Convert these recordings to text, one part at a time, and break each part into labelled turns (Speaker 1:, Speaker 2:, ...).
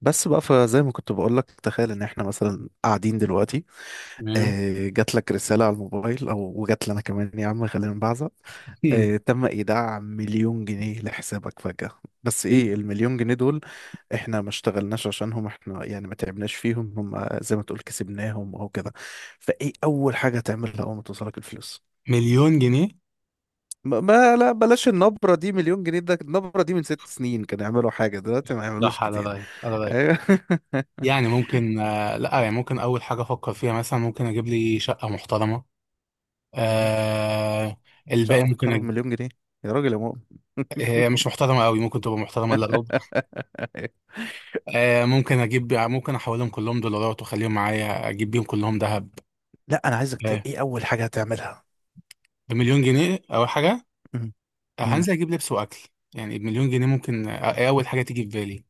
Speaker 1: بس بقى فزي ما كنت بقول لك. تخيل ان احنا مثلا قاعدين دلوقتي،
Speaker 2: تمام.
Speaker 1: جات لك رسالة على الموبايل او وجات لنا كمان يا عم خلينا نبعزق. تم ايداع مليون جنيه لحسابك فجأة. بس
Speaker 2: مل-
Speaker 1: ايه المليون جنيه دول؟ احنا ما اشتغلناش عشانهم، احنا يعني ما تعبناش فيهم، هم زي ما تقول كسبناهم او كده. فايه اول حاجة تعملها اول ما توصلك الفلوس؟
Speaker 2: مليون جنيه.
Speaker 1: لا بلاش النبرة دي، مليون جنيه ده النبرة دي من ست سنين كانوا يعملوا حاجة دلوقتي ما يعملوش
Speaker 2: صح، على
Speaker 1: كتير.
Speaker 2: رايك على رايك.
Speaker 1: أيوة.
Speaker 2: يعني ممكن لا، يعني ممكن اول حاجه افكر فيها مثلا، ممكن اجيب لي شقه محترمه. آه
Speaker 1: شقة
Speaker 2: الباقي
Speaker 1: محترمة مليون جنيه؟ يا راجل يا مؤمن.
Speaker 2: هي مش محترمه قوي، ممكن تبقى محترمه الا ربع. ممكن اجيب، ممكن احولهم كلهم دولارات واخليهم معايا، اجيب بيهم كلهم ذهب.
Speaker 1: لا انا عايزك
Speaker 2: آه
Speaker 1: ايه اول حاجة هتعملها؟
Speaker 2: بمليون جنيه اول حاجه.
Speaker 1: مم. مم.
Speaker 2: هنزل اجيب لبس واكل. يعني بمليون جنيه ممكن، إيه اول حاجه تيجي في بالي.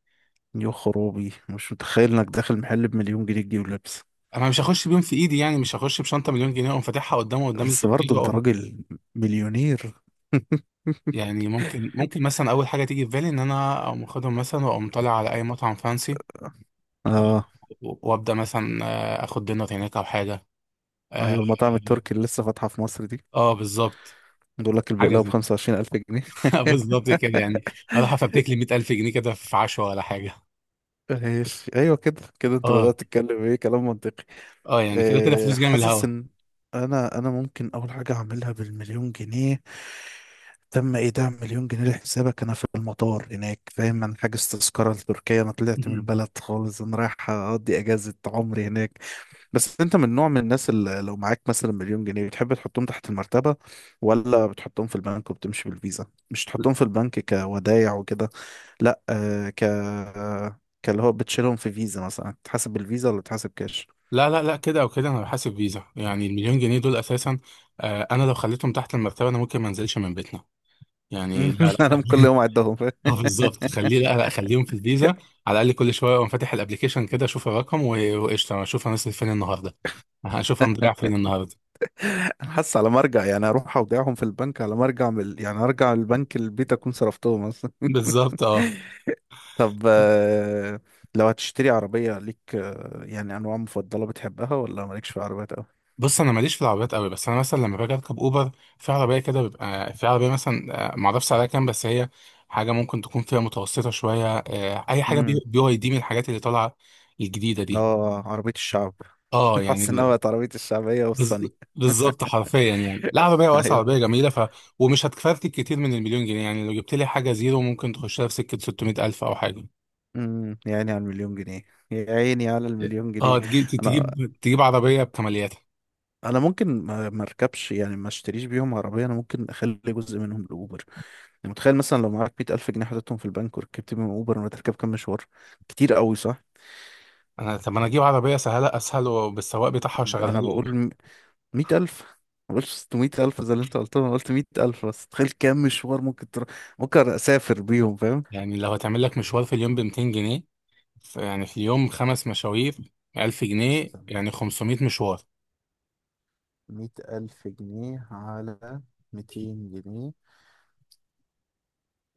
Speaker 1: يا خرابي، مش متخيل انك داخل محل بمليون جنيه تجيب لبس.
Speaker 2: انا مش هخش بيهم في ايدي، يعني مش هخش بشنطه مليون جنيه اقوم فاتحها قدامه قدام
Speaker 1: بس
Speaker 2: الكافيه.
Speaker 1: برضه انت راجل مليونير.
Speaker 2: يعني ممكن مثلا اول حاجه تيجي في بالي ان انا اقوم اخدهم مثلا، واقوم طالع على اي مطعم فانسي
Speaker 1: اه
Speaker 2: وابدا مثلا اخد دينر هناك او حاجه. اه.
Speaker 1: ايوه، المطاعم التركي اللي لسه فاتحة في مصر دي
Speaker 2: بالظبط.
Speaker 1: بيقول لك
Speaker 2: حاجه
Speaker 1: البقلاوة ب
Speaker 2: زي.
Speaker 1: 25000 جنيه.
Speaker 2: بالظبط كده يعني. اروح افتك لي 100,000 جنيه كده في عشوه ولا حاجه.
Speaker 1: ماشي، ايوه كده كده انت
Speaker 2: اه.
Speaker 1: بدأت تتكلم ايه، كلام منطقي.
Speaker 2: اه يعني كده كده
Speaker 1: أه،
Speaker 2: فلوس جايه من
Speaker 1: حاسس
Speaker 2: الهوا.
Speaker 1: ان انا ممكن اول حاجة اعملها بالمليون جنيه. تم ايداع مليون جنيه لحسابك. انا في المطار هناك، فاهم؟ انا حاجز تذكره لتركيا، انا طلعت من
Speaker 2: مم.
Speaker 1: البلد خالص، انا رايح اقضي اجازه عمري هناك. بس انت من نوع من الناس اللي لو معاك مثلا مليون جنيه بتحب تحطهم تحت المرتبه ولا بتحطهم في البنك وبتمشي بالفيزا؟ مش تحطهم في البنك كودايع وكده. لا آه ك كاللي هو بتشيلهم في فيزا مثلا، تحاسب بالفيزا ولا تحاسب كاش؟
Speaker 2: لا لا لا، كده او كده انا بحاسب فيزا، يعني المليون جنيه دول اساسا. انا لو خليتهم تحت المرتبه انا ممكن ما انزلش من بيتنا. يعني لا
Speaker 1: لا
Speaker 2: لا.
Speaker 1: انا كل يوم اعدهم.
Speaker 2: اه بالظبط، خليه لا لا، خليهم في الفيزا. على الاقل كل شويه اقوم فاتح الابلكيشن كده اشوف الرقم وقشطه، انا اشوف هنصرف فين النهارده، هشوف هنضيع فين النهارده.
Speaker 1: انا حاسس على مرجع، يعني اروح اودعهم في البنك على مرجع من يعني ارجع البنك البيت اكون صرفتهم اصلا.
Speaker 2: بالظبط اه.
Speaker 1: طب لو هتشتري عربية ليك، يعني انواع مفضلة بتحبها ولا مالكش في عربيات قوي؟
Speaker 2: بص، انا ماليش في العربيات قوي، بس انا مثلا لما باجي اركب اوبر في عربيه كده، بيبقى في عربيه مثلا معرفش سعرها كام، بس هي حاجه ممكن تكون فيها متوسطه شويه. اي حاجه بي
Speaker 1: امم،
Speaker 2: بي واي دي من الحاجات اللي طالعه الجديده دي.
Speaker 1: اه عربية الشعب.
Speaker 2: اه
Speaker 1: حاسس انها
Speaker 2: يعني
Speaker 1: بقت عربية الشعبية والصني.
Speaker 2: بالظبط حرفيا، يعني لعبه بيها واسعه
Speaker 1: ايوه.
Speaker 2: وبيها جميله. ف- ومش هتكفرتك كتير من المليون جنيه، يعني لو جبت لي حاجه زيرو ممكن تخشها في سكه 600 الف او حاجه.
Speaker 1: امم، يا عيني على المليون جنيه، يا عيني على المليون
Speaker 2: اه،
Speaker 1: جنيه.
Speaker 2: تجيب
Speaker 1: انا
Speaker 2: تجيب تجيب عربيه بكمالياتها.
Speaker 1: انا ممكن ما اركبش، يعني ما اشتريش بيهم عربيه، انا ممكن اخلي جزء منهم لاوبر. يعني متخيل مثلا لو معاك 100000 جنيه حطيتهم في البنك وركبت بيهم أوبر ولا تركب كام مشوار كتير قوي، صح؟
Speaker 2: انا اجيب عربيه سهله اسهل وبالسواق بتاعها وشغلها
Speaker 1: أنا
Speaker 2: لي اوبر.
Speaker 1: بقول 100000، ما بقولش 600000 زي اللي أنت قلته. أنا قلت 100000 بس تخيل كام مشوار ممكن تروح، ممكن أسافر بيهم، فاهم؟
Speaker 2: يعني لو هتعمل لك مشوار في اليوم ب 200 جنيه، يعني في اليوم 5 مشاوير 1,000 جنيه،
Speaker 1: استنى،
Speaker 2: يعني 500 مشوار.
Speaker 1: مية ألف جنيه على ميتين جنيه.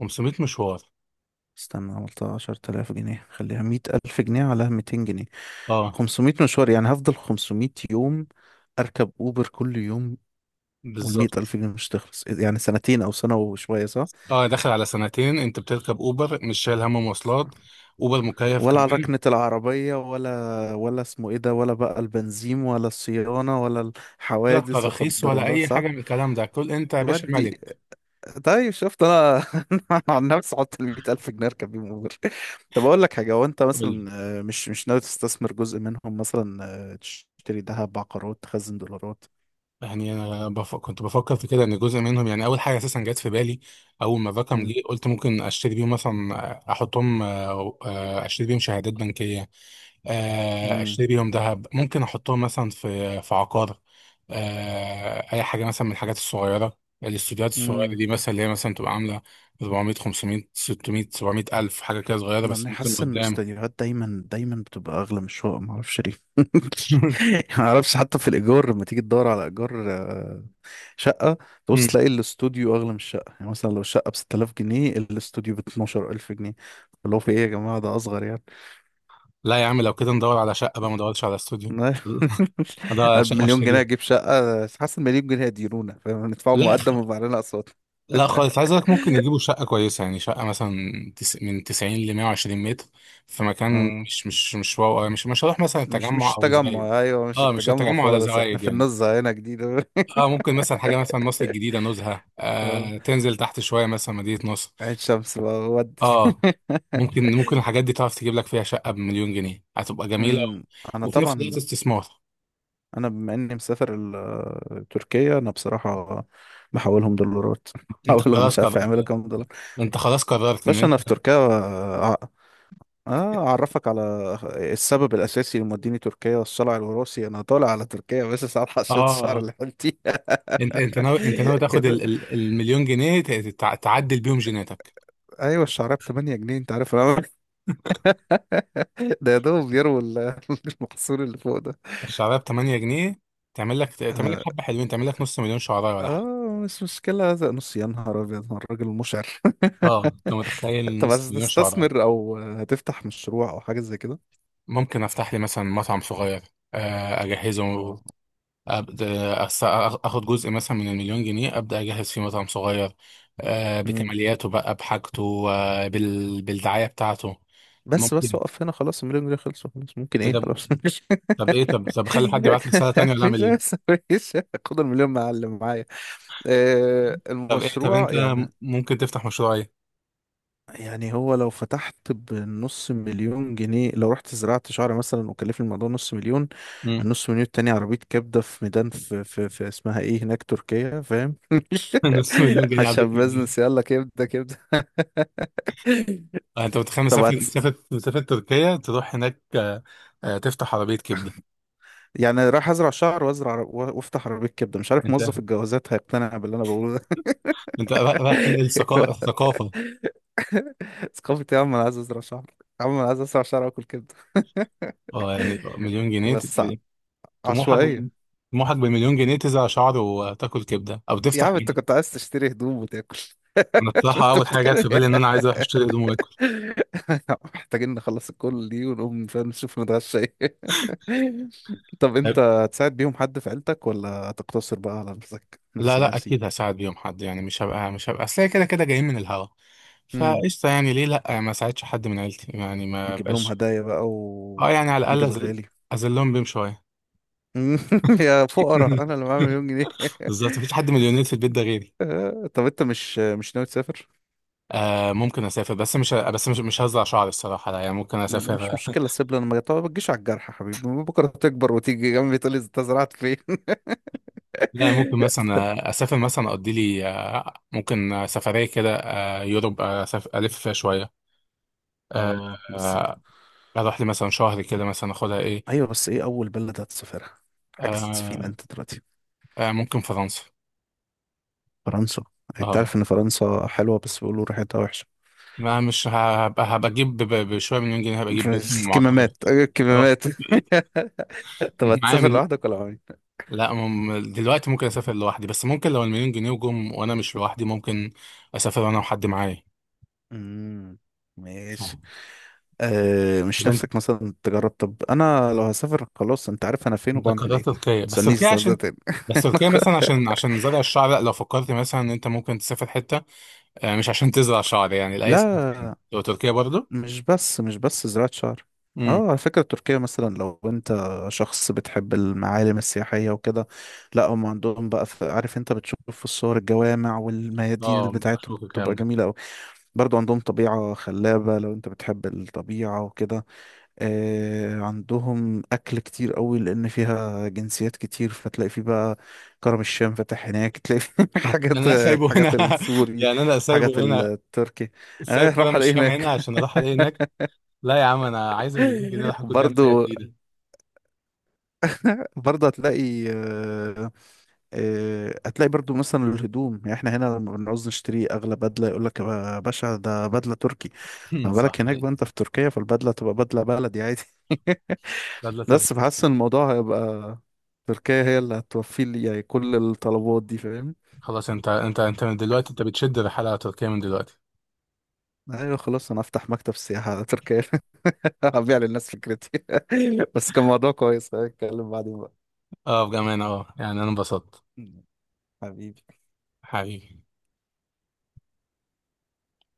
Speaker 2: 500 مشوار.
Speaker 1: استنى، عملتها 10000 جنيه، خليها 100000 جنيه على 200 جنيه
Speaker 2: اه
Speaker 1: 500 مشوار، يعني هفضل 500 يوم أركب أوبر كل يوم. والمية
Speaker 2: بالظبط.
Speaker 1: ألف جنيه مش تخلص، يعني سنتين أو سنة وشوية، صح؟
Speaker 2: اه، داخل على سنتين، انت بتركب اوبر مش شايل هم مواصلات، اوبر مكيف
Speaker 1: ولا على
Speaker 2: كمان.
Speaker 1: ركنة العربية ولا ولا اسمه ايه ده، ولا بقى البنزين ولا الصيانة ولا
Speaker 2: ولا
Speaker 1: الحوادث لا
Speaker 2: تراخيص
Speaker 1: قدر
Speaker 2: ولا
Speaker 1: الله،
Speaker 2: اي
Speaker 1: صح.
Speaker 2: حاجه من الكلام ده، كل انت يا باشا
Speaker 1: ودي.
Speaker 2: ملك.
Speaker 1: طيب، شفت؟ انا انا عن نفسي حط ال 100000 جنيه اركب بيهم اوبر. طب اقول لك حاجة، هو انت
Speaker 2: قول.
Speaker 1: مثلا مش ناوي تستثمر جزء منهم مثلا، تشتري ذهب، عقارات، تخزن دولارات؟
Speaker 2: يعني انا كنت بفكر في كده، ان جزء منهم يعني اول حاجه اساسا جت في بالي، اول ما الرقم
Speaker 1: امم.
Speaker 2: جه قلت ممكن اشتري بيهم مثلا. احطهم، اشتري بيهم شهادات بنكيه. اشتري بيهم ذهب. ممكن احطهم مثلا في عقار. اي حاجه مثلا من الحاجات الصغيره، الاستوديوهات الصغيره
Speaker 1: امم،
Speaker 2: دي مثلا، اللي هي مثلا تبقى عامله 400 500 600 700 الف، حاجه كده صغيره
Speaker 1: ما
Speaker 2: بس
Speaker 1: انا
Speaker 2: ممكن
Speaker 1: حاسس ان
Speaker 2: قدام.
Speaker 1: الاستديوهات دايما دايما بتبقى اغلى من الشقق، ما اعرفش ليه. ما اعرفش حتى في الايجار لما تيجي تدور على ايجار شقه، تبص تلاقي الاستوديو اغلى من الشقه. يعني مثلا لو الشقه ب 6000 جنيه الاستوديو ب 12000 جنيه، اللي هو في ايه يا جماعه ده اصغر يعني.
Speaker 2: لا يا عم، لو كده ندور على شقة بقى، ما ندورش على استوديو. ندور على شقة
Speaker 1: بمليون جنيه
Speaker 2: اشتريها.
Speaker 1: اجيب شقه؟ حاسس المليون جنيه هيديرونا، فاهم؟ ندفعوا
Speaker 2: لا خ-
Speaker 1: مقدم ويبقى علينا اقساط.
Speaker 2: لا خالص، عايز اقولك ممكن يجيبوا شقة كويسة، يعني شقة مثلا من 90 ل 120 متر، في مكان
Speaker 1: اه
Speaker 2: مش واو أوي. مش هروح مثلا
Speaker 1: مش
Speaker 2: التجمع او زايد.
Speaker 1: التجمع، ايوه مش
Speaker 2: اه، مش
Speaker 1: التجمع
Speaker 2: التجمع ولا
Speaker 1: خالص، احنا
Speaker 2: زوايد
Speaker 1: في
Speaker 2: يعني.
Speaker 1: النزهه هنا جديده.
Speaker 2: اه ممكن مثلا حاجة مثلا مصر الجديدة، نزهة،
Speaker 1: اه،
Speaker 2: تنزل تحت شوية مثلا مدينة نصر.
Speaker 1: عين شمس بقى ودي.
Speaker 2: اه ممكن الحاجات دي تعرف تجيب لك فيها شقة بمليون جنيه هتبقى جميلة،
Speaker 1: أمم، انا
Speaker 2: وفي نفس
Speaker 1: طبعا،
Speaker 2: الوقت استثمار.
Speaker 1: انا بما اني مسافر تركيا انا بصراحه بحولهم دولارات،
Speaker 2: انت
Speaker 1: بحولهم
Speaker 2: خلاص
Speaker 1: مش عارف
Speaker 2: قررت،
Speaker 1: يعملوا كام دولار.
Speaker 2: ان
Speaker 1: باشا
Speaker 2: انت
Speaker 1: انا في تركيا. اه اعرفك على السبب الاساسي اللي موديني تركيا، الصلع الوراثي. انا طالع على تركيا بس ساعات حشيت الشعر
Speaker 2: اه،
Speaker 1: اللي حلتي.
Speaker 2: انت ناوي، ناوي تاخد
Speaker 1: كده
Speaker 2: المليون جنيه تعدل بيهم جيناتك.
Speaker 1: ايوه، الشعريه ب 8 جنيه، انت عارف انا، ده يا دوب بيروا المحصول اللي فوق ده.
Speaker 2: الشعرايه ب 8 جنيه، تعمل لك
Speaker 1: انا
Speaker 2: حبه حلوين، تعمل لك نص مليون شعرايه ولا حاجه.
Speaker 1: اه مش مشكلة هذا، نص، يا نهار أبيض هو الراجل مشعر.
Speaker 2: اه، انت متخيل
Speaker 1: طب
Speaker 2: نص
Speaker 1: عايز
Speaker 2: مليون شعرايه.
Speaker 1: تستثمر أو هتفتح مشروع أو حاجة زي كده؟
Speaker 2: ممكن افتح لي مثلا مطعم صغير. اجهزه
Speaker 1: اه.
Speaker 2: ابدا أس- اخد جزء مثلا من المليون جنيه، ابدا اجهز فيه مطعم صغير،
Speaker 1: مم.
Speaker 2: بكمالياته بقى بحاجته، بالدعايه بتاعته.
Speaker 1: بس بس
Speaker 2: ممكن.
Speaker 1: وقف هنا، خلاص المليون جنيه خلصوا، خلاص ممكن
Speaker 2: إيه
Speaker 1: ايه،
Speaker 2: ده؟
Speaker 1: خلاص، مفيش
Speaker 2: طب ايه، طب طب اخلي حد يبعت لي رساله تانيه ولا
Speaker 1: مفيش
Speaker 2: اعمل ايه؟
Speaker 1: مفيش. خد المليون معلم معايا.
Speaker 2: طب ايه، طب انت
Speaker 1: المشروع يعني.
Speaker 2: ممكن تفتح مشروع ايه؟
Speaker 1: يعني هو لو فتحت بنص مليون جنيه، لو رحت زرعت شعر مثلا وكلفني الموضوع نص مليون،
Speaker 2: مم.
Speaker 1: النص مليون التاني عربية كبدة في ميدان في اسمها ايه هناك تركيا، فاهم؟
Speaker 2: نص مليون جنيه عبيط
Speaker 1: عشان
Speaker 2: منين؟
Speaker 1: بزنس، يلا كبدة كبدة.
Speaker 2: انت متخيل
Speaker 1: طب
Speaker 2: مسافة مسافة مسافة تركيا، تروح هناك تفتح عربية كبدة.
Speaker 1: يعني رايح ازرع شعر وافتح عربية كبدة، مش عارف
Speaker 2: انت
Speaker 1: موظف الجوازات هيقتنع باللي انا بقوله ده.
Speaker 2: انت رايح تنقل ثقافة.
Speaker 1: ثقافة يا عم؟ انا عايز ازرع شعر. يا عم انا عايز ازرع شعر واكل كبدة.
Speaker 2: اه يعني مليون جنيه،
Speaker 1: بس ع-
Speaker 2: طموحك،
Speaker 1: عشوائية.
Speaker 2: بمليون جنيه تزرع شعر وتاكل كبدة او
Speaker 1: يا
Speaker 2: تفتح.
Speaker 1: عم انت كنت عايز تشتري هدوم وتاكل.
Speaker 2: انا الصراحة
Speaker 1: انت
Speaker 2: اول حاجة جت
Speaker 1: بتتكلم
Speaker 2: في بالي
Speaker 1: إيه؟
Speaker 2: ان انا عايز اروح اشتري هدوم واكل.
Speaker 1: محتاجين نخلص الكل دي ونقوم، فاهم، نشوف نتغشى ايه. طب انت هتساعد بيهم حد في عيلتك ولا هتقتصر بقى على نفسك؟
Speaker 2: لا
Speaker 1: نفسي
Speaker 2: لا،
Speaker 1: نفسي.
Speaker 2: اكيد هساعد بيهم حد، يعني مش هبقى اصل هي كده كده جايين من الهوا،
Speaker 1: امم،
Speaker 2: فقشطه، يعني ليه لا ما ساعدش حد من عيلتي يعني، ما
Speaker 1: تجيب لهم
Speaker 2: بقاش.
Speaker 1: هدايا بقى
Speaker 2: اه يعني على
Speaker 1: وتجيب
Speaker 2: الاقل
Speaker 1: الغالي.
Speaker 2: اذلهم بيهم شويه.
Speaker 1: يا فقراء انا اللي معايا مليون جنيه.
Speaker 2: بالظبط، مفيش حد مليونير في البيت ده غيري.
Speaker 1: طب انت مش ناوي تسافر؟
Speaker 2: ممكن اسافر، بس مش هزرع شعري الصراحه لا. يعني ممكن
Speaker 1: لا، مش
Speaker 2: اسافر.
Speaker 1: مشكله سيب لنا المجال، طب ما تجيش على الجرح يا حبيبي، بكره تكبر وتيجي جنبي تقول لي انت زرعت فين.
Speaker 2: لا، ممكن مثلا اسافر، مثلا اقضي لي ممكن سفريه كده، يوروب، أسافر الف فيها شويه. آه،
Speaker 1: اه بس.
Speaker 2: آه، اروح لي مثلا شهر كده مثلا اخدها ايه.
Speaker 1: ايوه بس ايه اول بلد هتسافرها؟ حاجز فين
Speaker 2: آه،
Speaker 1: انت دلوقتي؟
Speaker 2: ممكن فرنسا.
Speaker 1: فرنسا. انت
Speaker 2: اه،
Speaker 1: عارف ان فرنسا حلوه بس بيقولوا ريحتها وحشه.
Speaker 2: ما مش هبقى، هبقى اجيب بشويه مليون جنيه، هبقى اجيب بيت من
Speaker 1: بس
Speaker 2: المعطلات.
Speaker 1: كمامات، أيوة،
Speaker 2: اه.
Speaker 1: كمامات. طب
Speaker 2: معايا
Speaker 1: هتسافر
Speaker 2: مل...
Speaker 1: لوحدك ولا معايا؟
Speaker 2: لا دلوقتي ممكن اسافر لوحدي، بس ممكن لو المليون جنيه جم وانا مش لوحدي، ممكن اسافر انا وحد معايا.
Speaker 1: امم،
Speaker 2: اه.
Speaker 1: ماشي. أه مش
Speaker 2: طب انت
Speaker 1: نفسك مثلا تجرب؟ طب انا لو هسافر خلاص انت عارف انا فين
Speaker 2: انت
Speaker 1: وبعمل ايه،
Speaker 2: قررت
Speaker 1: ما
Speaker 2: تركيا. بس
Speaker 1: تسألنيش
Speaker 2: تركيا
Speaker 1: السؤال ده
Speaker 2: عشان،
Speaker 1: تاني.
Speaker 2: بس تركيا مثلا عشان، عشان زرع الشعر؟ لا، لو فكرت مثلا ان انت ممكن تسافر حته مش عشان تزرع شعر يعني، لاي سبب تاني
Speaker 1: لا
Speaker 2: لو تركيا برضه.
Speaker 1: مش بس زراعة شعر.
Speaker 2: امم.
Speaker 1: اه على فكرة تركيا، مثلا لو انت شخص بتحب المعالم السياحية وكده، لا هم عندهم بقى، في، عارف انت بتشوف في الصور الجوامع والميادين اللي
Speaker 2: اه،
Speaker 1: بتاعتهم
Speaker 2: بشوف الكلام
Speaker 1: بتبقى
Speaker 2: ده.
Speaker 1: جميلة اوي. برضو عندهم طبيعة خلابة لو انت بتحب الطبيعة وكده. آه عندهم اكل كتير قوي لان فيها جنسيات كتير، فتلاقي فيه بقى كرم الشام فاتح هناك، تلاقي فيه حاجات،
Speaker 2: انا سايبه
Speaker 1: الحاجات
Speaker 2: هنا
Speaker 1: السوري،
Speaker 2: يعني انا
Speaker 1: الحاجات
Speaker 2: سايبه هنا،
Speaker 1: التركي.
Speaker 2: سايب
Speaker 1: آه
Speaker 2: كده
Speaker 1: راح
Speaker 2: مش
Speaker 1: الاقي
Speaker 2: فاهم هنا
Speaker 1: هناك.
Speaker 2: عشان اروح الاقي هناك؟ لا يا عم، انا عايز المليون جنيه اروح اكل بيهم حاجه
Speaker 1: برضو.
Speaker 2: جديده.
Speaker 1: برضه هتلاقي هتلاقي برضو مثلا الهدوم، يعني احنا هنا لما بنعوز نشتري اغلى بدله يقول لك يا باشا ده بدله تركي. فما بالك
Speaker 2: صح
Speaker 1: هناك
Speaker 2: حقيقي.
Speaker 1: بقى انت في تركيا، فالبدله تبقى بدله بلدي عادي.
Speaker 2: لا لا، تركي.
Speaker 1: بس بحس ان الموضوع هيبقى، تركيا هي اللي هتوفي لي يعني كل الطلبات دي، فاهم؟
Speaker 2: خلاص انت من دلوقتي انت بتشد الرحله على تركيا من دلوقتي.
Speaker 1: ايوه خلاص، انا افتح مكتب سياحه على تركيا، هبيع للناس فكرتي. بس كان موضوع كويس، هنتكلم بعدين بقى.
Speaker 2: اه بامانه، اه يعني انا انبسطت
Speaker 1: حبيبي.
Speaker 2: حقيقي.